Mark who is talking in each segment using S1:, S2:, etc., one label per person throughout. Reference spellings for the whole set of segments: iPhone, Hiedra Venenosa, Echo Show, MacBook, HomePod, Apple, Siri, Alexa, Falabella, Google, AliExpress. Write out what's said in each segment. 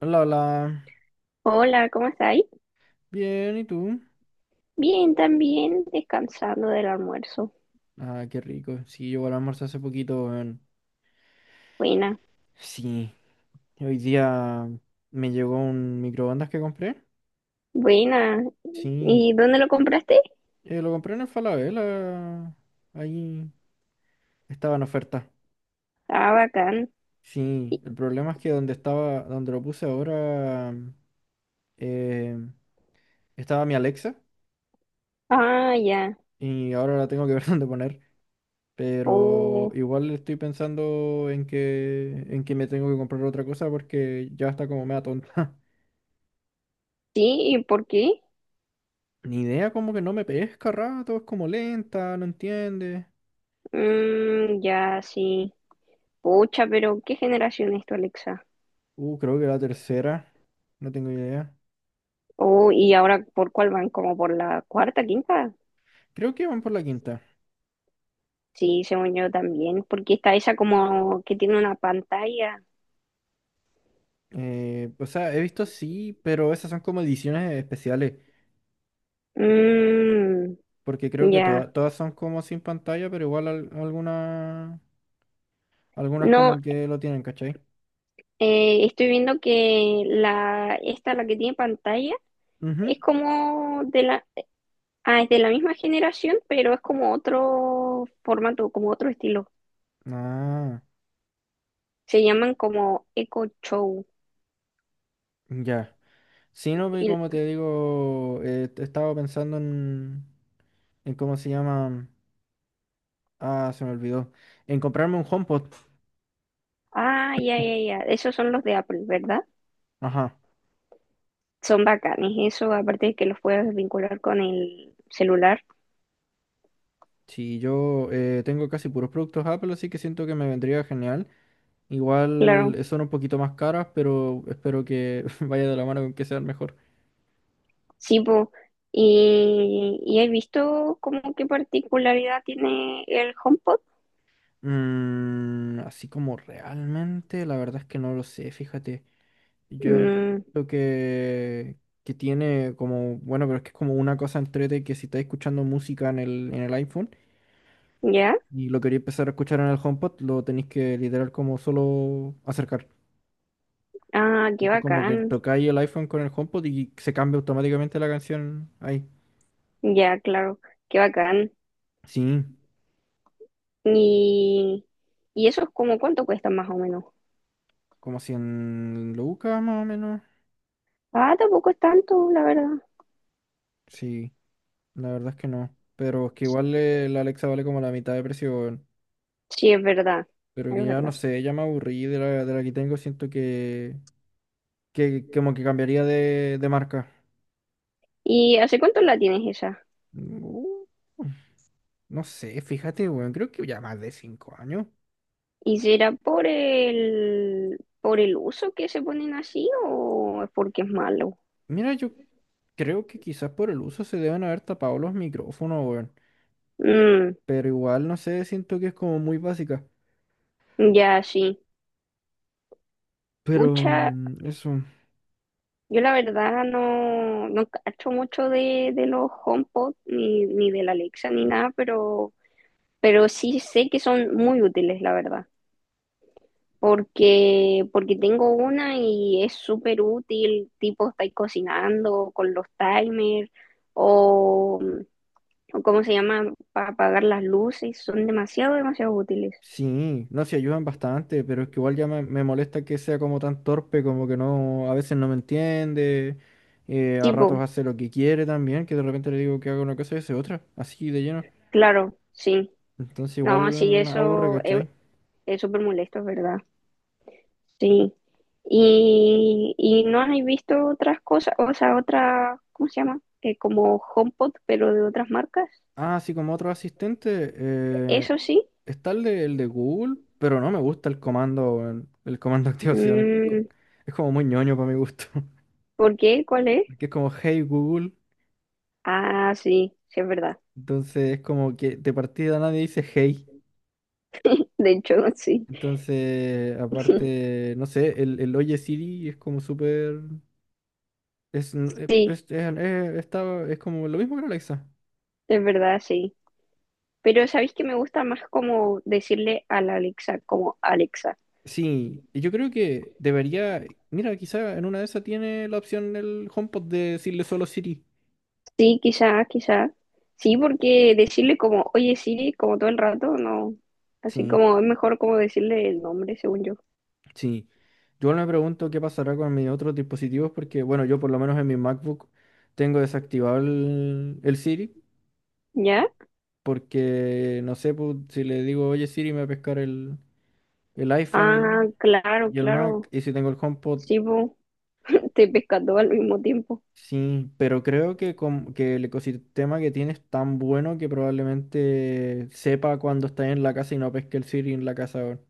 S1: Hola, hola.
S2: Hola, ¿cómo estáis?
S1: Bien, ¿y tú?
S2: Bien, también descansando del almuerzo.
S1: Ah, qué rico. Sí, yo igual almorcé hace poquito, weón.
S2: Buena,
S1: Sí, hoy día me llegó un microondas que compré.
S2: buena.
S1: Sí,
S2: ¿Y dónde lo compraste?
S1: lo compré en el Falabella. Ahí estaba en oferta.
S2: Ah, bacán.
S1: Sí, el problema es que donde estaba, donde lo puse ahora, eh, estaba mi Alexa
S2: Ah, ya.
S1: y ahora la tengo que ver dónde poner. Pero
S2: Oh,
S1: igual estoy pensando en que me tengo que comprar otra cosa porque ya está como media tonta.
S2: sí, ¿y por qué?
S1: Ni idea, como que no me pesca a rato, es como lenta, no entiende.
S2: Mm, ya, sí. Pucha, pero ¿qué generación es tu Alexa?
S1: Creo que la tercera, no tengo idea.
S2: Oh, ¿y ahora por cuál van? ¿Como por la cuarta, quinta?
S1: Creo que van por la quinta.
S2: Sí, según yo también, porque está esa como que tiene una pantalla.
S1: O sea, he visto sí, pero esas son como ediciones especiales,
S2: Mmm,
S1: porque creo que
S2: ya.
S1: todas son como sin pantalla, pero igual algunas
S2: No,
S1: como que lo tienen, ¿cachai?
S2: Estoy viendo que la que tiene pantalla,
S1: Ujú.
S2: es como de es de la misma generación, pero es como otro formato, como otro estilo.
S1: Ah,
S2: Se llaman como Echo Show.
S1: ya. Sí, no, pues,
S2: Y-
S1: como te digo, estaba pensando en, cómo se llama. Ah, se me olvidó. En comprarme un HomePod.
S2: ah, ya. Esos son los de Apple, ¿verdad?
S1: Ajá.
S2: Son bacanes. Eso, aparte de que los puedes vincular con el celular.
S1: Sí, yo tengo casi puros productos Apple, así que siento que me vendría genial. Igual
S2: Claro.
S1: son un poquito más caras, pero espero que vaya de la mano con que sean mejor.
S2: Sí, po. Y he visto como qué particularidad tiene el HomePod.
S1: Así como realmente, la verdad es que no lo sé, fíjate. Yo
S2: Mm,
S1: creo que tiene como, bueno, pero es que es como una cosa entrete que si estáis escuchando música en el, iPhone
S2: ya.
S1: y lo quería empezar a escuchar en el HomePod, lo tenéis que literal como solo acercar.
S2: Ah, qué
S1: Tipo, como que
S2: bacán.
S1: tocáis el iPhone con el HomePod y se cambia automáticamente la canción ahí.
S2: Ya, claro, qué bacán.
S1: Sí,
S2: Y, y eso es como cuánto cuesta más o menos.
S1: como 100 lucas más o menos.
S2: Ah, tampoco es tanto, la verdad.
S1: Sí, la verdad es que no. Pero es que igual la Alexa vale como la mitad de precio, weón.
S2: Sí, es verdad,
S1: Pero que
S2: es
S1: ya no
S2: verdad.
S1: sé, ya me aburrí de la, que tengo. Siento que como que cambiaría de marca.
S2: ¿Y hace cuánto la tienes esa?
S1: Uh, no sé, fíjate, weón. Creo que ya más de 5 años.
S2: ¿Y será por el uso que se ponen así o es porque es malo?
S1: Mira, yo creo que quizás por el uso se deben haber tapado los micrófonos, weón.
S2: Mm,
S1: Pero igual, no sé, siento que es como muy básica.
S2: ya, sí.
S1: Pero
S2: Pucha,
S1: eso,
S2: yo la verdad no cacho mucho de los HomePod ni de la Alexa ni nada, pero sí sé que son muy útiles, la verdad. Porque, porque tengo una y es súper útil, tipo estáis cocinando con los timers o, o cómo se llama, para apagar las luces, son demasiado, demasiado útiles.
S1: sí, no se ayudan bastante, pero es que igual ya me, molesta que sea como tan torpe, como que no, a veces no me entiende, a
S2: Tipo,
S1: ratos hace lo que quiere también, que de repente le digo que haga una cosa y hace otra, así de lleno.
S2: claro, sí.
S1: Entonces
S2: No, sí,
S1: igual aburre,
S2: eso
S1: ¿cachai?
S2: es súper molesto, es ¿verdad? Sí. Y no has visto otras cosas, o sea, otra, ¿cómo se llama? Como HomePod, pero de otras marcas.
S1: Ah, así como otro asistente,
S2: Eso sí.
S1: está el de, Google, pero no me gusta el comando, weón, el comando de activación, es, co-
S2: Mm,
S1: es como muy ñoño para mi gusto,
S2: ¿por qué? ¿Cuál es?
S1: porque es como, hey Google.
S2: Ah, sí es verdad.
S1: Entonces es como que de partida nadie dice hey.
S2: De hecho, sí.
S1: Entonces, aparte, no sé, el Oye Siri es como súper. Es,
S2: Sí,
S1: pues, es como lo mismo que la Alexa.
S2: es verdad, sí. Pero ¿sabéis que me gusta más como decirle a la Alexa, como Alexa?
S1: Sí, y yo creo que debería. Mira, quizá en una de esas tiene la opción el HomePod de decirle solo Siri.
S2: Sí, quizá, quizá. Sí, porque decirle como, oye Siri, como todo el rato, no. Así
S1: Sí,
S2: como es mejor como decirle el nombre, según yo.
S1: sí. Yo me pregunto qué pasará con mis otros dispositivos porque, bueno, yo por lo menos en mi MacBook tengo desactivado el, el, Siri.
S2: ¿Ya?
S1: Porque, no sé, pues, si le digo, oye Siri, me va a pescar el
S2: Ah,
S1: iPhone
S2: claro,
S1: y el Mac,
S2: claro.
S1: y si tengo el HomePod,
S2: Sí, po. Te pesca todo al mismo tiempo.
S1: sí, pero creo que el ecosistema que tiene es tan bueno que probablemente sepa cuando está en la casa y no pesque el Siri en la casa ahora.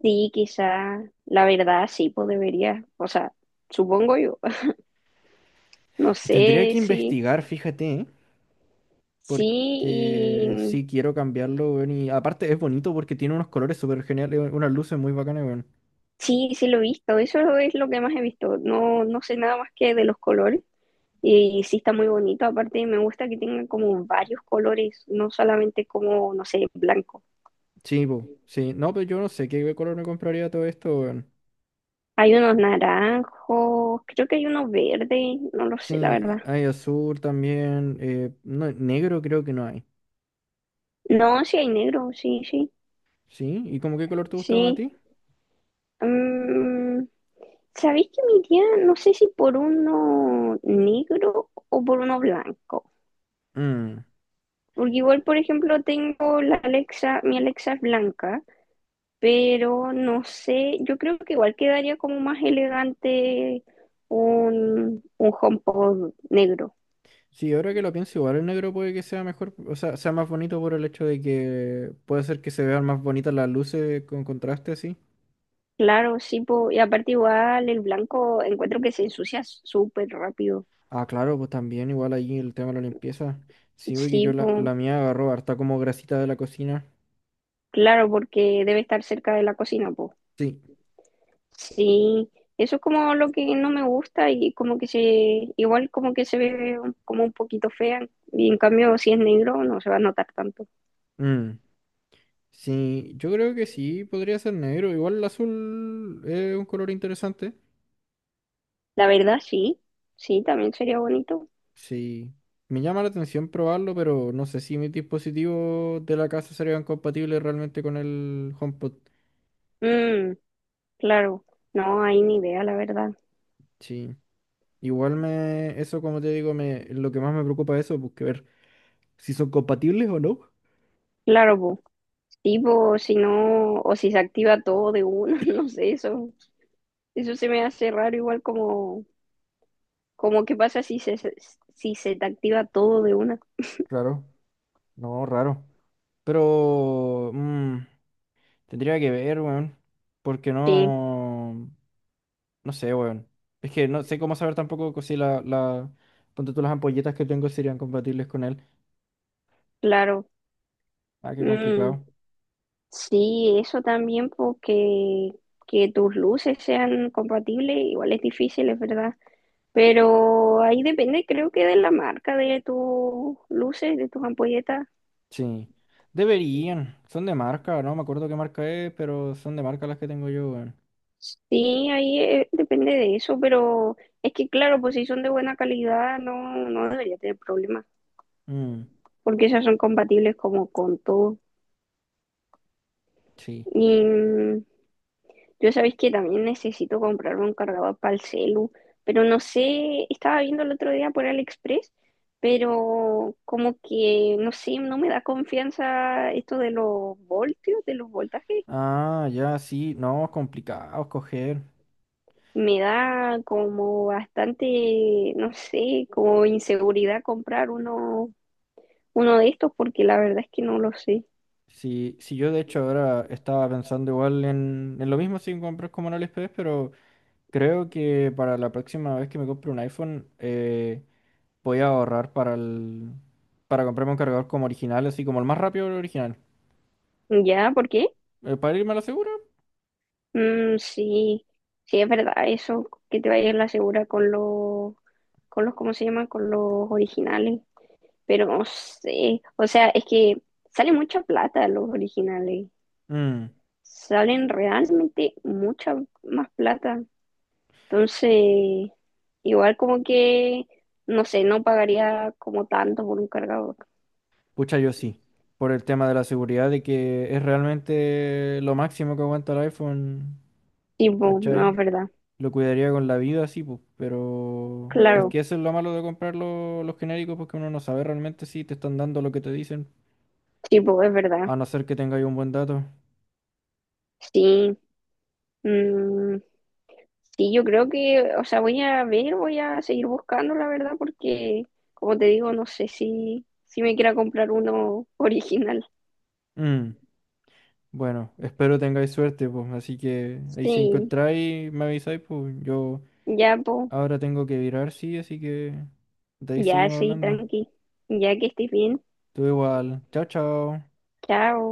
S2: Sí, quizá. La verdad, sí, pues debería. O sea, supongo yo. No
S1: Y
S2: sé
S1: tendría que
S2: si.
S1: investigar, fíjate, ¿eh?
S2: Sí,
S1: Porque
S2: y
S1: sí quiero cambiarlo, weón, y aparte es bonito porque tiene unos colores súper geniales, unas luces muy bacanas, weón.
S2: sí lo he visto. Eso es lo que más he visto. No sé nada más que de los colores. Y sí está muy bonito. Aparte, me gusta que tengan como varios colores, no solamente como, no sé, blanco.
S1: Sí, po, sí, no, pero yo no sé qué color me compraría todo esto, weón.
S2: Hay unos naranjos, creo que hay uno verde, no lo sé, la
S1: Sí,
S2: verdad.
S1: hay azul también. No, negro creo que no hay.
S2: No, sí hay negro, sí, sí,
S1: ¿Sí? ¿Y como qué color te gusta más a
S2: sí.
S1: ti?
S2: Mm, ¿sabéis que me iría, no sé si por uno negro o por uno blanco?
S1: Mm,
S2: Porque igual, por ejemplo, tengo la Alexa, mi Alexa es blanca, pero no sé, yo creo que igual quedaría como más elegante un HomePod negro.
S1: sí, ahora que lo pienso, igual el negro puede que sea mejor, o sea, sea más bonito por el hecho de que puede ser que se vean más bonitas las luces con contraste así.
S2: Claro, sí, po, y aparte igual el blanco encuentro que se ensucia súper rápido.
S1: Ah, claro, pues también igual ahí el tema de la limpieza. Sí, porque
S2: Sí,
S1: yo la,
S2: po,
S1: la mía agarró harta como grasita de la cocina.
S2: claro, porque debe estar cerca de la cocina, po.
S1: Sí.
S2: Sí, eso es como lo que no me gusta y como que igual como que se ve como un poquito fea y en cambio si es negro no se va a notar tanto.
S1: Mm, sí, yo creo que sí, podría ser negro. Igual el azul es un color interesante.
S2: La verdad, sí, también sería bonito.
S1: Sí, me llama la atención probarlo, pero no sé si mis dispositivos de la casa serían compatibles realmente con el HomePod.
S2: Mm, claro, no hay ni idea, la verdad.
S1: Sí, igual eso como te digo, lo que más me preocupa es eso, pues ver si son compatibles o no.
S2: Claro, bo, sí, bo, si no, o si se activa todo de uno, no sé, eso se me hace raro, igual como, como qué pasa si se te activa todo de una.
S1: Raro, no, raro. Pero tendría que ver, weón, porque
S2: Sí,
S1: no, no sé, weón. Es que no sé cómo saber tampoco si ponte tú las ampolletas que tengo serían compatibles con él.
S2: claro.
S1: Ah, qué
S2: Mm,
S1: complicado.
S2: sí, eso también, porque que tus luces sean compatibles, igual es difícil, es verdad. Pero ahí depende, creo que de la marca, de tus luces, de tus ampolletas.
S1: Sí. Deberían. Son de marca, no me acuerdo qué marca es, pero son de marca las que tengo yo, weón.
S2: Sí, ahí depende de eso, pero es que claro, pues si son de buena calidad, no debería tener problemas,
S1: Mm,
S2: porque esas son compatibles como con todo.
S1: sí.
S2: Y mm, yo sabéis que también necesito comprar un cargador para el celu, pero no sé, estaba viendo el otro día por AliExpress, pero como que, no sé, no me da confianza esto de los voltios, de los voltajes.
S1: Ah, ya, sí. No, es complicado escoger.
S2: Me da como bastante, no sé, como inseguridad comprar uno de estos porque la verdad es que no lo sé.
S1: Sí, sí, yo de hecho ahora estaba pensando igual en, lo mismo sin comprar como en AliExpress, pero creo que para la próxima vez que me compre un iPhone voy a ahorrar para comprarme un cargador como original, así como el más rápido el original.
S2: ¿Ya? ¿Por qué?
S1: Para irme a la segura.
S2: Mm, sí, sí es verdad eso, que te vayas a la segura con con los, ¿cómo se llama? Con los originales, pero no sé, o sea, es que sale mucha plata los originales,
S1: Mm.
S2: salen realmente mucha más plata. Entonces, igual como que, no sé, no pagaría como tanto por un cargador.
S1: Pucha, yo sí, por el tema de la seguridad, de que es realmente lo máximo que aguanta el iPhone,
S2: Tipo, no,
S1: ¿cachai?
S2: es verdad. Mm,
S1: Lo cuidaría con la vida, sí, pues, pero es
S2: claro,
S1: que eso es lo malo de comprar los genéricos, porque uno no sabe realmente si te están dando lo que te dicen,
S2: tipo, es verdad.
S1: a no ser que tengáis un buen dato.
S2: Sí. Mm, sí, yo creo que, o sea, voy a ver, voy a seguir buscando, la verdad, porque, como te digo, no sé si me quiera comprar uno original.
S1: Mm, bueno, espero tengáis suerte, pues, así que ahí si
S2: Sí,
S1: encontráis, me avisáis, pues, yo
S2: ya, po,
S1: ahora tengo que virar, sí, así que de ahí
S2: ya,
S1: seguimos
S2: sí,
S1: hablando.
S2: tranqui. Ya que estés bien.
S1: Tú igual, chao, chao.
S2: Chao.